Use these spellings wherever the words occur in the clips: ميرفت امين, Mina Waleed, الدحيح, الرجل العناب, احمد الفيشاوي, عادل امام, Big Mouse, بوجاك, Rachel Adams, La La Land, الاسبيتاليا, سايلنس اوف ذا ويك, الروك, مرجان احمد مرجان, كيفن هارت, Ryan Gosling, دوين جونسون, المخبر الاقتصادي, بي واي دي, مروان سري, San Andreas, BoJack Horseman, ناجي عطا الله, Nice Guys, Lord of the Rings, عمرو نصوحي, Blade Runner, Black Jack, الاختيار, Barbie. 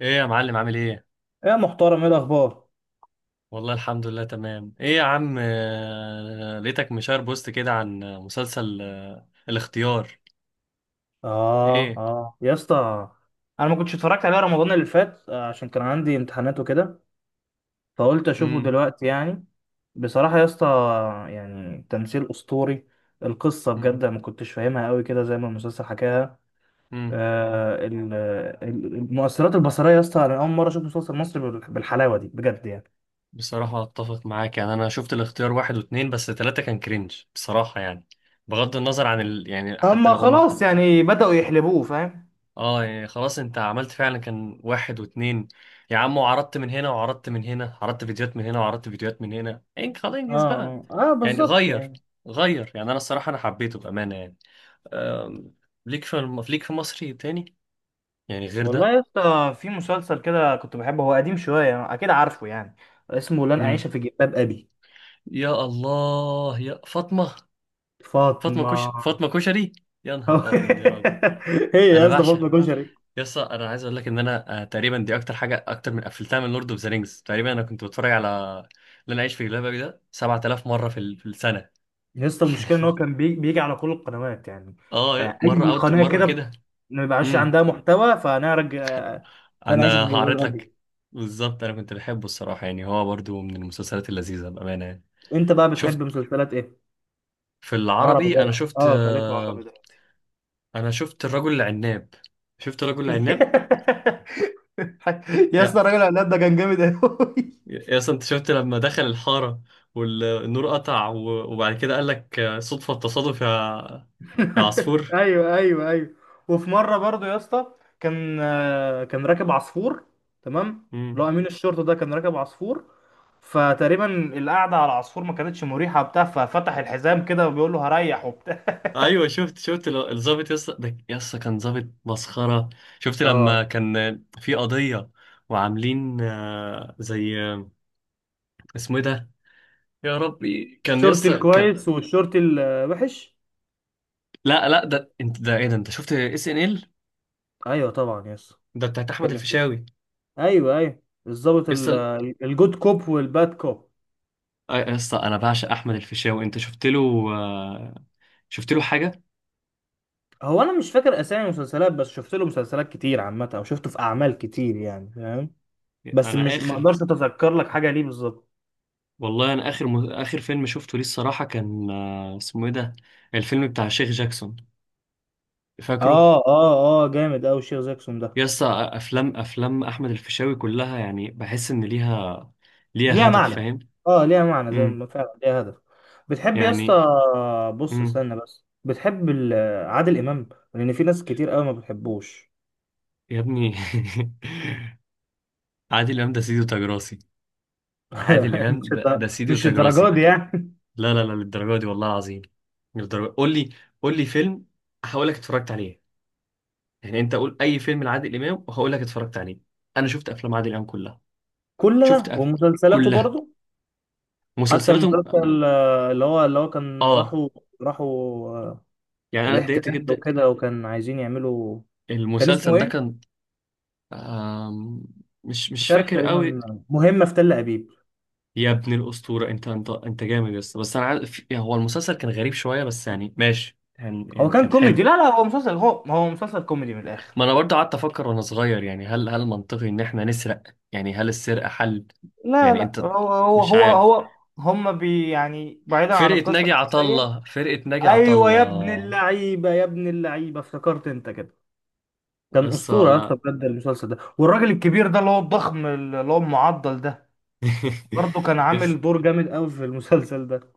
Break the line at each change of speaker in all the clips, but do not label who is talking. ايه يا معلم؟ عامل ايه؟
يا محترم، ايه الاخبار؟
والله الحمد لله تمام. ايه يا عم، لقيتك مشار بوست كده عن مسلسل الاختيار.
اه
ايه؟
اه يا اسطى، انا ما كنتش اتفرجت عليه رمضان اللي فات عشان كان عندي امتحانات وكده. فقلت اشوفه
امم
دلوقتي يعني. بصراحة يا اسطى، يعني تمثيل اسطوري. القصة
امم
بجد ما كنتش فاهمها قوي كده زي ما المسلسل حكاها.
امم
آه ال- المؤثرات البصرية يا اسطى، انا اول مرة اشوف مسلسل مصري بالحلاوة دي بجد يعني.
بصراحة اتفق معاك، يعني انا شفت الاختيار واحد واتنين، بس تلاتة كان كرنج بصراحة. يعني بغض النظر عن يعني حتى لو
اما
هم.
خلاص يعني بدأوا يحلبوه فاهم.
اه يعني خلاص، انت عملت فعلا كان واحد واتنين يا عم، وعرضت من هنا وعرضت من هنا، عرضت فيديوهات من هنا وعرضت فيديوهات من هنا، انك خلاص انجز
اه
بقى.
اه،
يعني
بالظبط
غير،
يعني.
يعني انا الصراحة انا حبيته بأمانة يعني. أم... ليك ليك في مصري تاني، يعني غير
والله
ده.
يا اسطى في مسلسل كده كنت بحبه، هو قديم شوية، أكيد عارفه يعني. اسمه لن
مم.
أعيش في جلباب أبي.
يا الله يا فاطمة، فاطمة كش،
فاطمة.
فاطمة كشري. يا نهار ابيض يا راجل.
هي
انا
يا اسطى
بعشق،
فاطمة كشري.
يس انا عايز اقول لك ان انا، تقريبا دي اكتر حاجه اكتر من قفلتها من لورد اوف ذا رينجز. تقريبا انا كنت بتفرج على اللي انا عايش في جلباب ده 7,000 مره في السنه.
يا اسطى المشكلة إن هو كان بيجي على كل القنوات يعني.
اه مره
أي
اوت
قناة
مره
كده
كده.
ما بيبقاش
امم
عندها محتوى فنرجع. لن أعيش في
انا
جلباب
هعرض
أبي.
لك. بالظبط انا كنت بحبه الصراحه، يعني هو برضو من المسلسلات اللذيذه بامانه يعني.
أنت بقى
شفت،
بتحب مسلسلات إيه؟
في
عربي
العربي انا
برضه،
شفت،
أه، خليك في عربي دلوقتي.
انا شفت الرجل العناب، شفت الرجل العناب.
يا
يا
اسطى الراجل العناد ده كان جامد أوي.
يا اسطى، انت شفت لما دخل الحارة والنور قطع وبعد كده قال لك صدفة التصادف يا عصفور.
ايوه ايوه ايوه. وفي مره برضو يا اسطى، كان راكب عصفور. تمام، اللي
مم.
هو امين الشرطه ده كان راكب عصفور. فتقريبا القعده على العصفور ما كانتش مريحه بتاع، ففتح الحزام كده وبيقول له هريح وبتاع.
ايوه شفت، شفت الظابط يا اسطى، ده يا اسطى كان ظابط مسخرة. شفت لما
اه،
كان في قضية وعاملين، زي، اسمه ايه ده، يا ربي، كان يا
الشرطي
اسطى كان.
الكويس والشرطي الوحش.
لا ده انت، ده ايه ده، انت شفت اس ان ال
ايوه طبعا يا اسطى.
ده بتاعت احمد
بتتكلم كده.
الفيشاوي يا
ايوه ايوه. الظابط
اسطى.
الجود كوب والباد كوب.
يا اسطى انا بعشق احمد الفيشاوي. انت شفت له آه، شفت له حاجة؟
هو انا مش فاكر اسامي المسلسلات، بس شفت له مسلسلات كتير عامه، او شفته في اعمال كتير يعني فاهم. بس
انا
مش ما
اخر،
اقدرش اتذكر لك حاجه ليه بالظبط.
والله انا اخر اخر فيلم شفته ليه الصراحه كان، اسمه ايه ده، الفيلم بتاع شيخ جاكسون، فاكره؟
اه اه اه، جامد اوي الشيخ زاكسون ده.
يا اسطى افلام، افلام احمد الفيشاوي كلها يعني بحس ان ليها، ليها
ليها
هدف
معنى.
فاهم.
اه، ليها معنى، زي
امم
ما فعلا ليها هدف. بتحب يا
يعني.
اسطى؟ بص
امم
استنى بس، بتحب عادل امام؟ لان في ناس كتير قوي ما بتحبوش.
يا ابني، عادل امام ده سيدي وتاج راسي. عادل امام ده, ده سيدي
مش
وتاج
الدرجات
راسي.
دي يعني.
لا للدرجه دي والله العظيم، للدرجه. قول لي، قول لي فيلم هقول لك اتفرجت عليه. يعني انت قول اي فيلم لعادل امام وهقول لك اتفرجت عليه. انا شفت افلام عادل امام كلها. شفت
كلها ومسلسلاته
كلها،
برضو. حتى
مسلسلاتهم.
المسلسل، اللي هو كان
اه
راحوا. راحوا آه،
يعني انا اتضايقت
الاحتلال
جدا.
وكده، وكان عايزين يعملوا. كان اسمه
المسلسل ده
ايه؟
كان، آم... مش،
مش
مش
عارف،
فاكر قوي.
تقريبا مهمة في تل ابيب.
يا ابن الاسطوره، انت جامد. بس انا عارف يعني هو المسلسل كان غريب شويه بس يعني ماشي، يعني
هو
يعني
كان
كان
كوميدي.
حلو.
لا لا، هو مسلسل، هو مسلسل كوميدي من الاخر.
ما انا برضه قعدت افكر وانا صغير، يعني هل منطقي ان احنا نسرق؟ يعني هل السرقه حل؟
لا
يعني
لا،
انت،
هو هو
مش
هو
عارف.
هو هما يعني بعيدا عن
فرقه
القصة
ناجي عطا
الأساسية.
الله، فرقه ناجي عطا
أيوة يا ابن
الله.
اللعيبة يا ابن اللعيبة، افتكرت أنت كده. كان
قصه،
أسطورة يا اسطى
لا.
بجد المسلسل ده، والراجل الكبير ده اللي هو الضخم، اللي هو المعضل ده. برضه كان
يس،
عامل دور جامد قوي في المسلسل ده.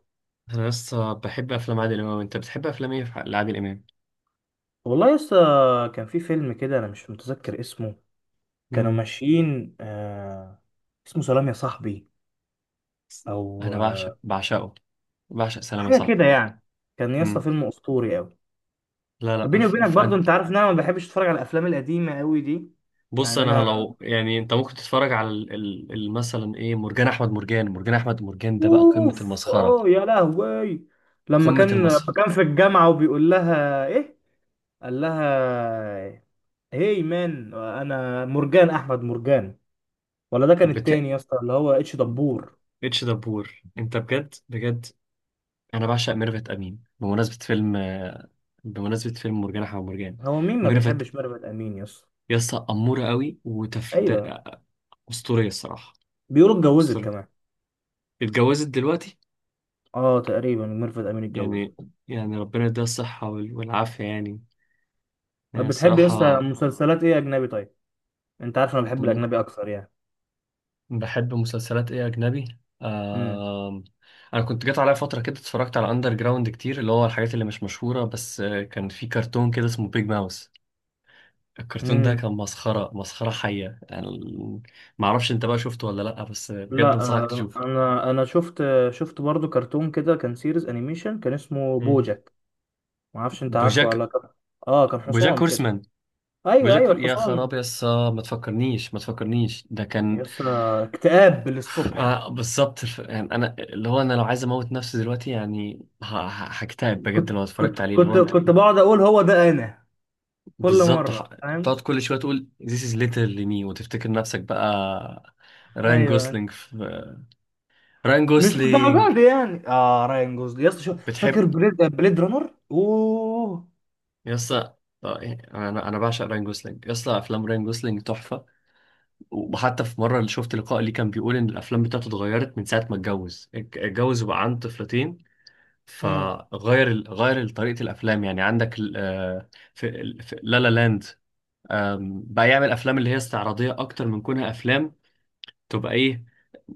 انا لسه بحب افلام عادل امام. انت بتحب افلام ايه لعادل امام؟
والله يا اسطى، كان في فيلم كده أنا مش متذكر اسمه. كانوا
مم.
ماشيين، اسمه سلام يا صاحبي. أو
انا بعشق، بعشقه، بعشق سلام يا
حاجه كده
صاحبي.
يعني. كان يا اسطى
مم.
فيلم اسطوري قوي.
لا لا،
بيني وبينك برضو
فانت،
انت عارف ان انا ما بحبش اتفرج على الافلام القديمه قوي دي.
بص
يعني
انا
انا،
لو يعني انت ممكن تتفرج على مثلا ايه، مرجان احمد مرجان. مرجان احمد مرجان ده بقى قمة
اوف،
المسخرة،
اه يا لهوي. لما
قمة
كان
المسخرة.
لما كان في الجامعه وبيقول لها ايه. قال لها، هي مان، انا مرجان احمد مرجان. ولا ده كان التاني
بت...
يا اسطى اللي هو اتش دبور.
اتش دبور، انت بجد، بجد انا بعشق ميرفت امين، بمناسبة فيلم، بمناسبة فيلم مرجان احمد مرجان.
هو مين ما
ميرفت
بيحبش ميرفت امين يا اسطى؟
يسطا، أمورة قوي
ايوه.
أسطورية الصراحة،
بيقولوا اتجوزت
أسطورية.
كمان.
اتجوزت دلوقتي
اه تقريبا ميرفت امين اتجوزت.
يعني، يعني ربنا يديها الصحة والعافية يعني، يعني
طب بتحب يا اسطى
الصراحة.
مسلسلات ايه اجنبي طيب؟ انت عارف انا بحب
م-
الاجنبي اكتر يعني.
بحب مسلسلات إيه أجنبي،
امم
أنا كنت جات عليا فترة كده اتفرجت على أندر جراوند كتير، اللي هو الحاجات اللي مش مشهورة، بس كان في كرتون كده اسمه بيج ماوس. الكرتون ده
امم
كان مسخرة، مسخرة حية يعني معرفش أنت بقى شفته ولا لأ، بس بجد
لا،
أنصحك تشوفه.
انا شفت برضو كرتون كده كان سيريز انيميشن، كان اسمه
مم.
بوجاك. ما اعرفش انت عارفه ولا
بوجاك،
لا. اه، كان
بوجاك
حصان كده.
هورسمان.
ايوه ايوه،
بوجاكل يا
الحصان.
خراب يسا، ما تفكرنيش، ما تفكرنيش، ده كان،
يس، اكتئاب للصبح.
آه بالظبط يعني انا اللي هو انا لو عايز اموت نفسي دلوقتي يعني هكتئب بجد
كنت
لو
كنت
اتفرجت عليه، اللي هو
كنت
انت
كنت بقعد اقول هو ده انا، كل
بالظبط،
مره فاهم.
بتقعد كل شويه تقول this is literally me وتفتكر نفسك بقى راين
ايوه
جوسلينج راين
مش
جوسلينج.
للدرجه دي يعني. اه راين جوزلي، يس، شو،
بتحب،
فاكر بليد رانر؟ اوه.
يسا، يعني انا بعشق راين جوسلينج يسا، افلام راين جوسلينج تحفه. وحتى في مره اللي شفت لقاء ليه كان بيقول ان الافلام بتاعته اتغيرت من ساعه ما اتجوز، اتجوز وبقى عنده طفلتين،
امم
فغير غير طريقة الأفلام. يعني عندك في في لا لا لاند، بقى يعمل أفلام اللي هي استعراضية أكتر من كونها أفلام تبقى إيه،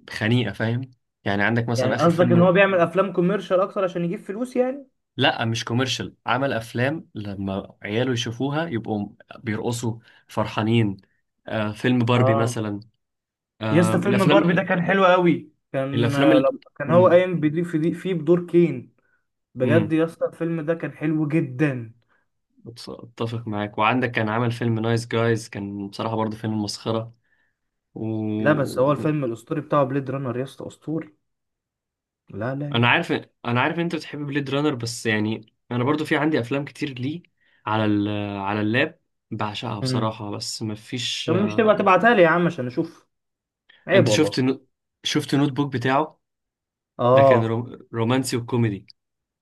خنيقة فاهم. يعني عندك مثلا
يعني
آخر
قصدك ان هو
فيلم،
بيعمل افلام كوميرشال اكتر عشان يجيب فلوس يعني؟
لا مش كوميرشال، عمل أفلام لما عياله يشوفوها يبقوا بيرقصوا فرحانين. فيلم باربي
اه
مثلا،
يا اسطى فيلم باربي ده
الأفلام،
كان حلو قوي. كان
الأفلام
آه،
ال...
لما كان هو
مم،
قايم بدي في دي، فيه بدور كين. بجد
مم،
يا اسطى الفيلم ده كان حلو جدا.
أتفق معاك. وعندك كان عمل فيلم نايس جايز، كان بصراحة برضه فيلم مسخرة.
لا بس هو
و...
الفيلم الاسطوري بتاعه بليد رانر يا اسطى، اسطوري. لا لا
انا
لا.
عارف، انا عارف ان انت بتحب بليد رانر، بس يعني انا برضو في عندي افلام كتير ليه على ال... على اللاب بعشقها
امم
بصراحة، بس مفيش.
طب مش تبقى تبعتها لي يا عم عشان اشوف؟ عيب
انت شفت
والله.
شفت نوت بوك بتاعه؟ ده كان
اه،
رومانسي وكوميدي،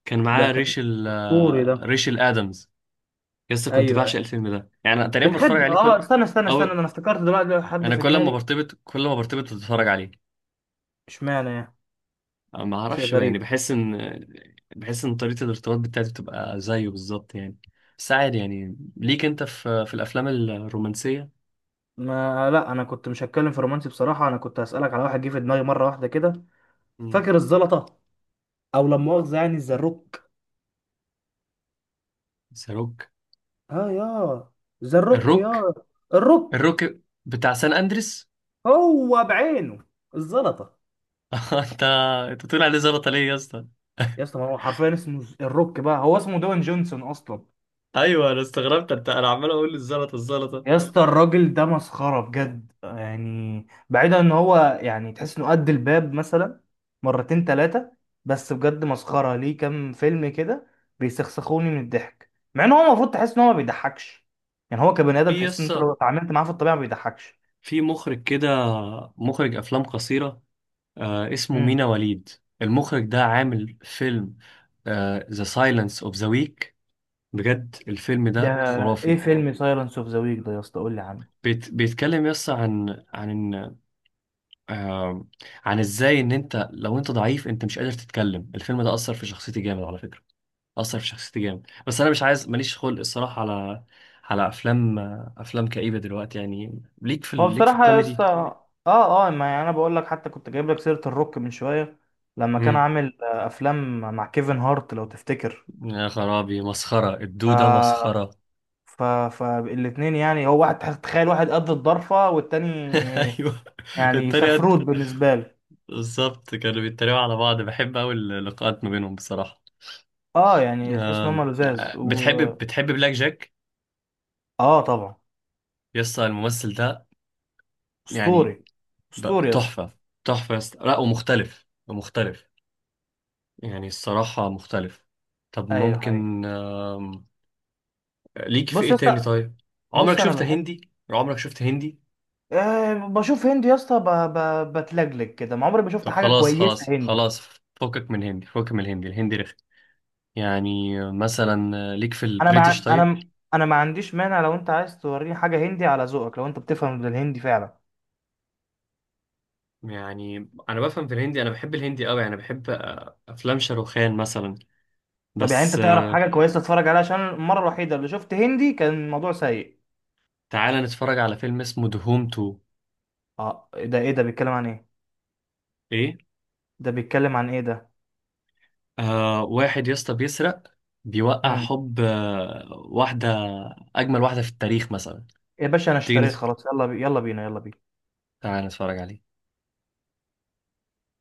كان
ده
معاه
كان
ريشل،
اسطوري ده.
ريشل ادمز. لسه كنت
ايوه ايوه،
بعشق الفيلم ده، يعني أنا تقريبا بتفرج
بتحب.
عليه
اه
كل،
استنى استنى
او
استنى، انا افتكرت دلوقتي حد
انا
في
كل ما
دماغي.
برتبط، كل ما برتبط بتفرج عليه.
اشمعنى يعني؟
ما
شيء
اعرفش بقى، يعني
غريب.
بحس ان، بحس ان طريقة الارتباط بتاعتي بتبقى زيه بالظبط يعني. بس عادي يعني، ليك انت في، في الافلام الرومانسية.
ما لا، انا كنت مش هتكلم في رومانسي بصراحه، انا كنت هسالك على واحد جه في دماغي مره واحده كده.
مم.
فاكر الزلطه؟ او لا مؤاخذه يعني الزروك.
بس روك.
اه، يا زروك
الروك،
يا الروك.
الروك بتاع سان اندريس.
هو بعينه، الزلطه.
انت، انت بتقول عليه زلطة ليه يا اسطى؟
يا اسطى ما هو حرفيا اسمه الروك، بقى هو اسمه دوين جونسون اصلا.
ايوه انا استغربت، انت، انا عمال اقول الزلطه الزلطه.
يا اسطى الراجل ده مسخره بجد، يعني بعيدا ان هو يعني تحس انه قد الباب مثلا، مرتين ثلاثه. بس بجد مسخره، ليه كام فيلم كده بيسخسخوني من الضحك، مع ان هو المفروض تحس ان هو ما بيضحكش. يعني هو كبني ادم
في
تحس ان انت لو
يسا،
اتعاملت معاه في الطبيعه ما بيضحكش.
في مخرج كده، مخرج افلام قصيره، آه اسمه مينا وليد. المخرج ده عامل فيلم ذا سايلنس اوف ذا ويك. بجد الفيلم
ده
ده
ايه
خرافي.
فيلم سايلنس اوف ذا ويك ده يا اسطى؟ قول لي عنه.
بيتكلم يس عن، عن ان، آه عن ازاي ان انت لو انت ضعيف انت مش قادر تتكلم. الفيلم ده اثر في شخصيتي جامد على فكره، اثر في شخصيتي جامد. بس انا مش عايز، ماليش خلق الصراحه على، على افلام، افلام كئيبه دلوقتي. يعني ليك
هو
ليك في
بصراحه يا
الكوميدي.
اسطى، اه اه، ما يعني انا بقول لك، حتى كنت جايب لك سيره الروك من شويه، لما كان
امم
عامل افلام مع كيفن هارت لو تفتكر.
يا خرابي، مسخره الدوده،
ف
مسخره.
ف فالاتنين يعني، هو واحد، تخيل واحد قد الضرفه، والتاني
ايوه
يعني
التريقه
سفروت
دي.
بالنسبه له.
بالظبط كانوا بيتريقوا على بعض، بحب قوي اللقاءات ما بينهم بصراحه.
اه، يعني تحس ان
آم،
هم لزاز و.
بتحب، بتحب بلاك جاك؟
اه طبعا.
يسطا الممثل ده يعني،
اسطوري. اسطوري يا اسطى.
تحفة، تحفة يسطا. لا ومختلف، مختلف يعني، الصراحة مختلف. طب
ايوه هاي.
ممكن، ليك في
بص يا
ايه تاني
اسطى.
طيب؟ عمرك
بص انا
شفت
بحب،
هندي؟ عمرك شفت هندي؟
بشوف هندي يا اسطى، بتلجلج كده، ما عمري ما شفت
طب
حاجه
خلاص
كويسه
خلاص
هندي.
خلاص، فكك من هندي، فكك من الهندي، الهندي رخي. يعني مثلا، ليك في
انا مع
البريتش طيب؟
انا انا ما عنديش مانع لو انت عايز توريني حاجه هندي على ذوقك، لو انت بتفهم بالهندي فعلا.
يعني انا بفهم في الهندي، انا بحب الهندي قوي، يعني بحب افلام شاروخان مثلا
طب يعني انت
بس.
تعرف حاجه كويسه تتفرج عليها؟ عشان المره الوحيده اللي شفت هندي كان الموضوع سيء.
تعالى نتفرج على فيلم اسمه دهوم 2.
اه، إيه ده ايه ده بيتكلم عن ايه؟
ايه،
ده بيتكلم عن ايه ده؟
آه واحد يا اسطى بيسرق، بيوقع
امم
حب آه واحدة أجمل واحدة في التاريخ مثلا.
يا باشا انا
تيجي نت...
اشتريت خلاص. يلا بينا يلا بينا.
تعالى نتفرج عليه.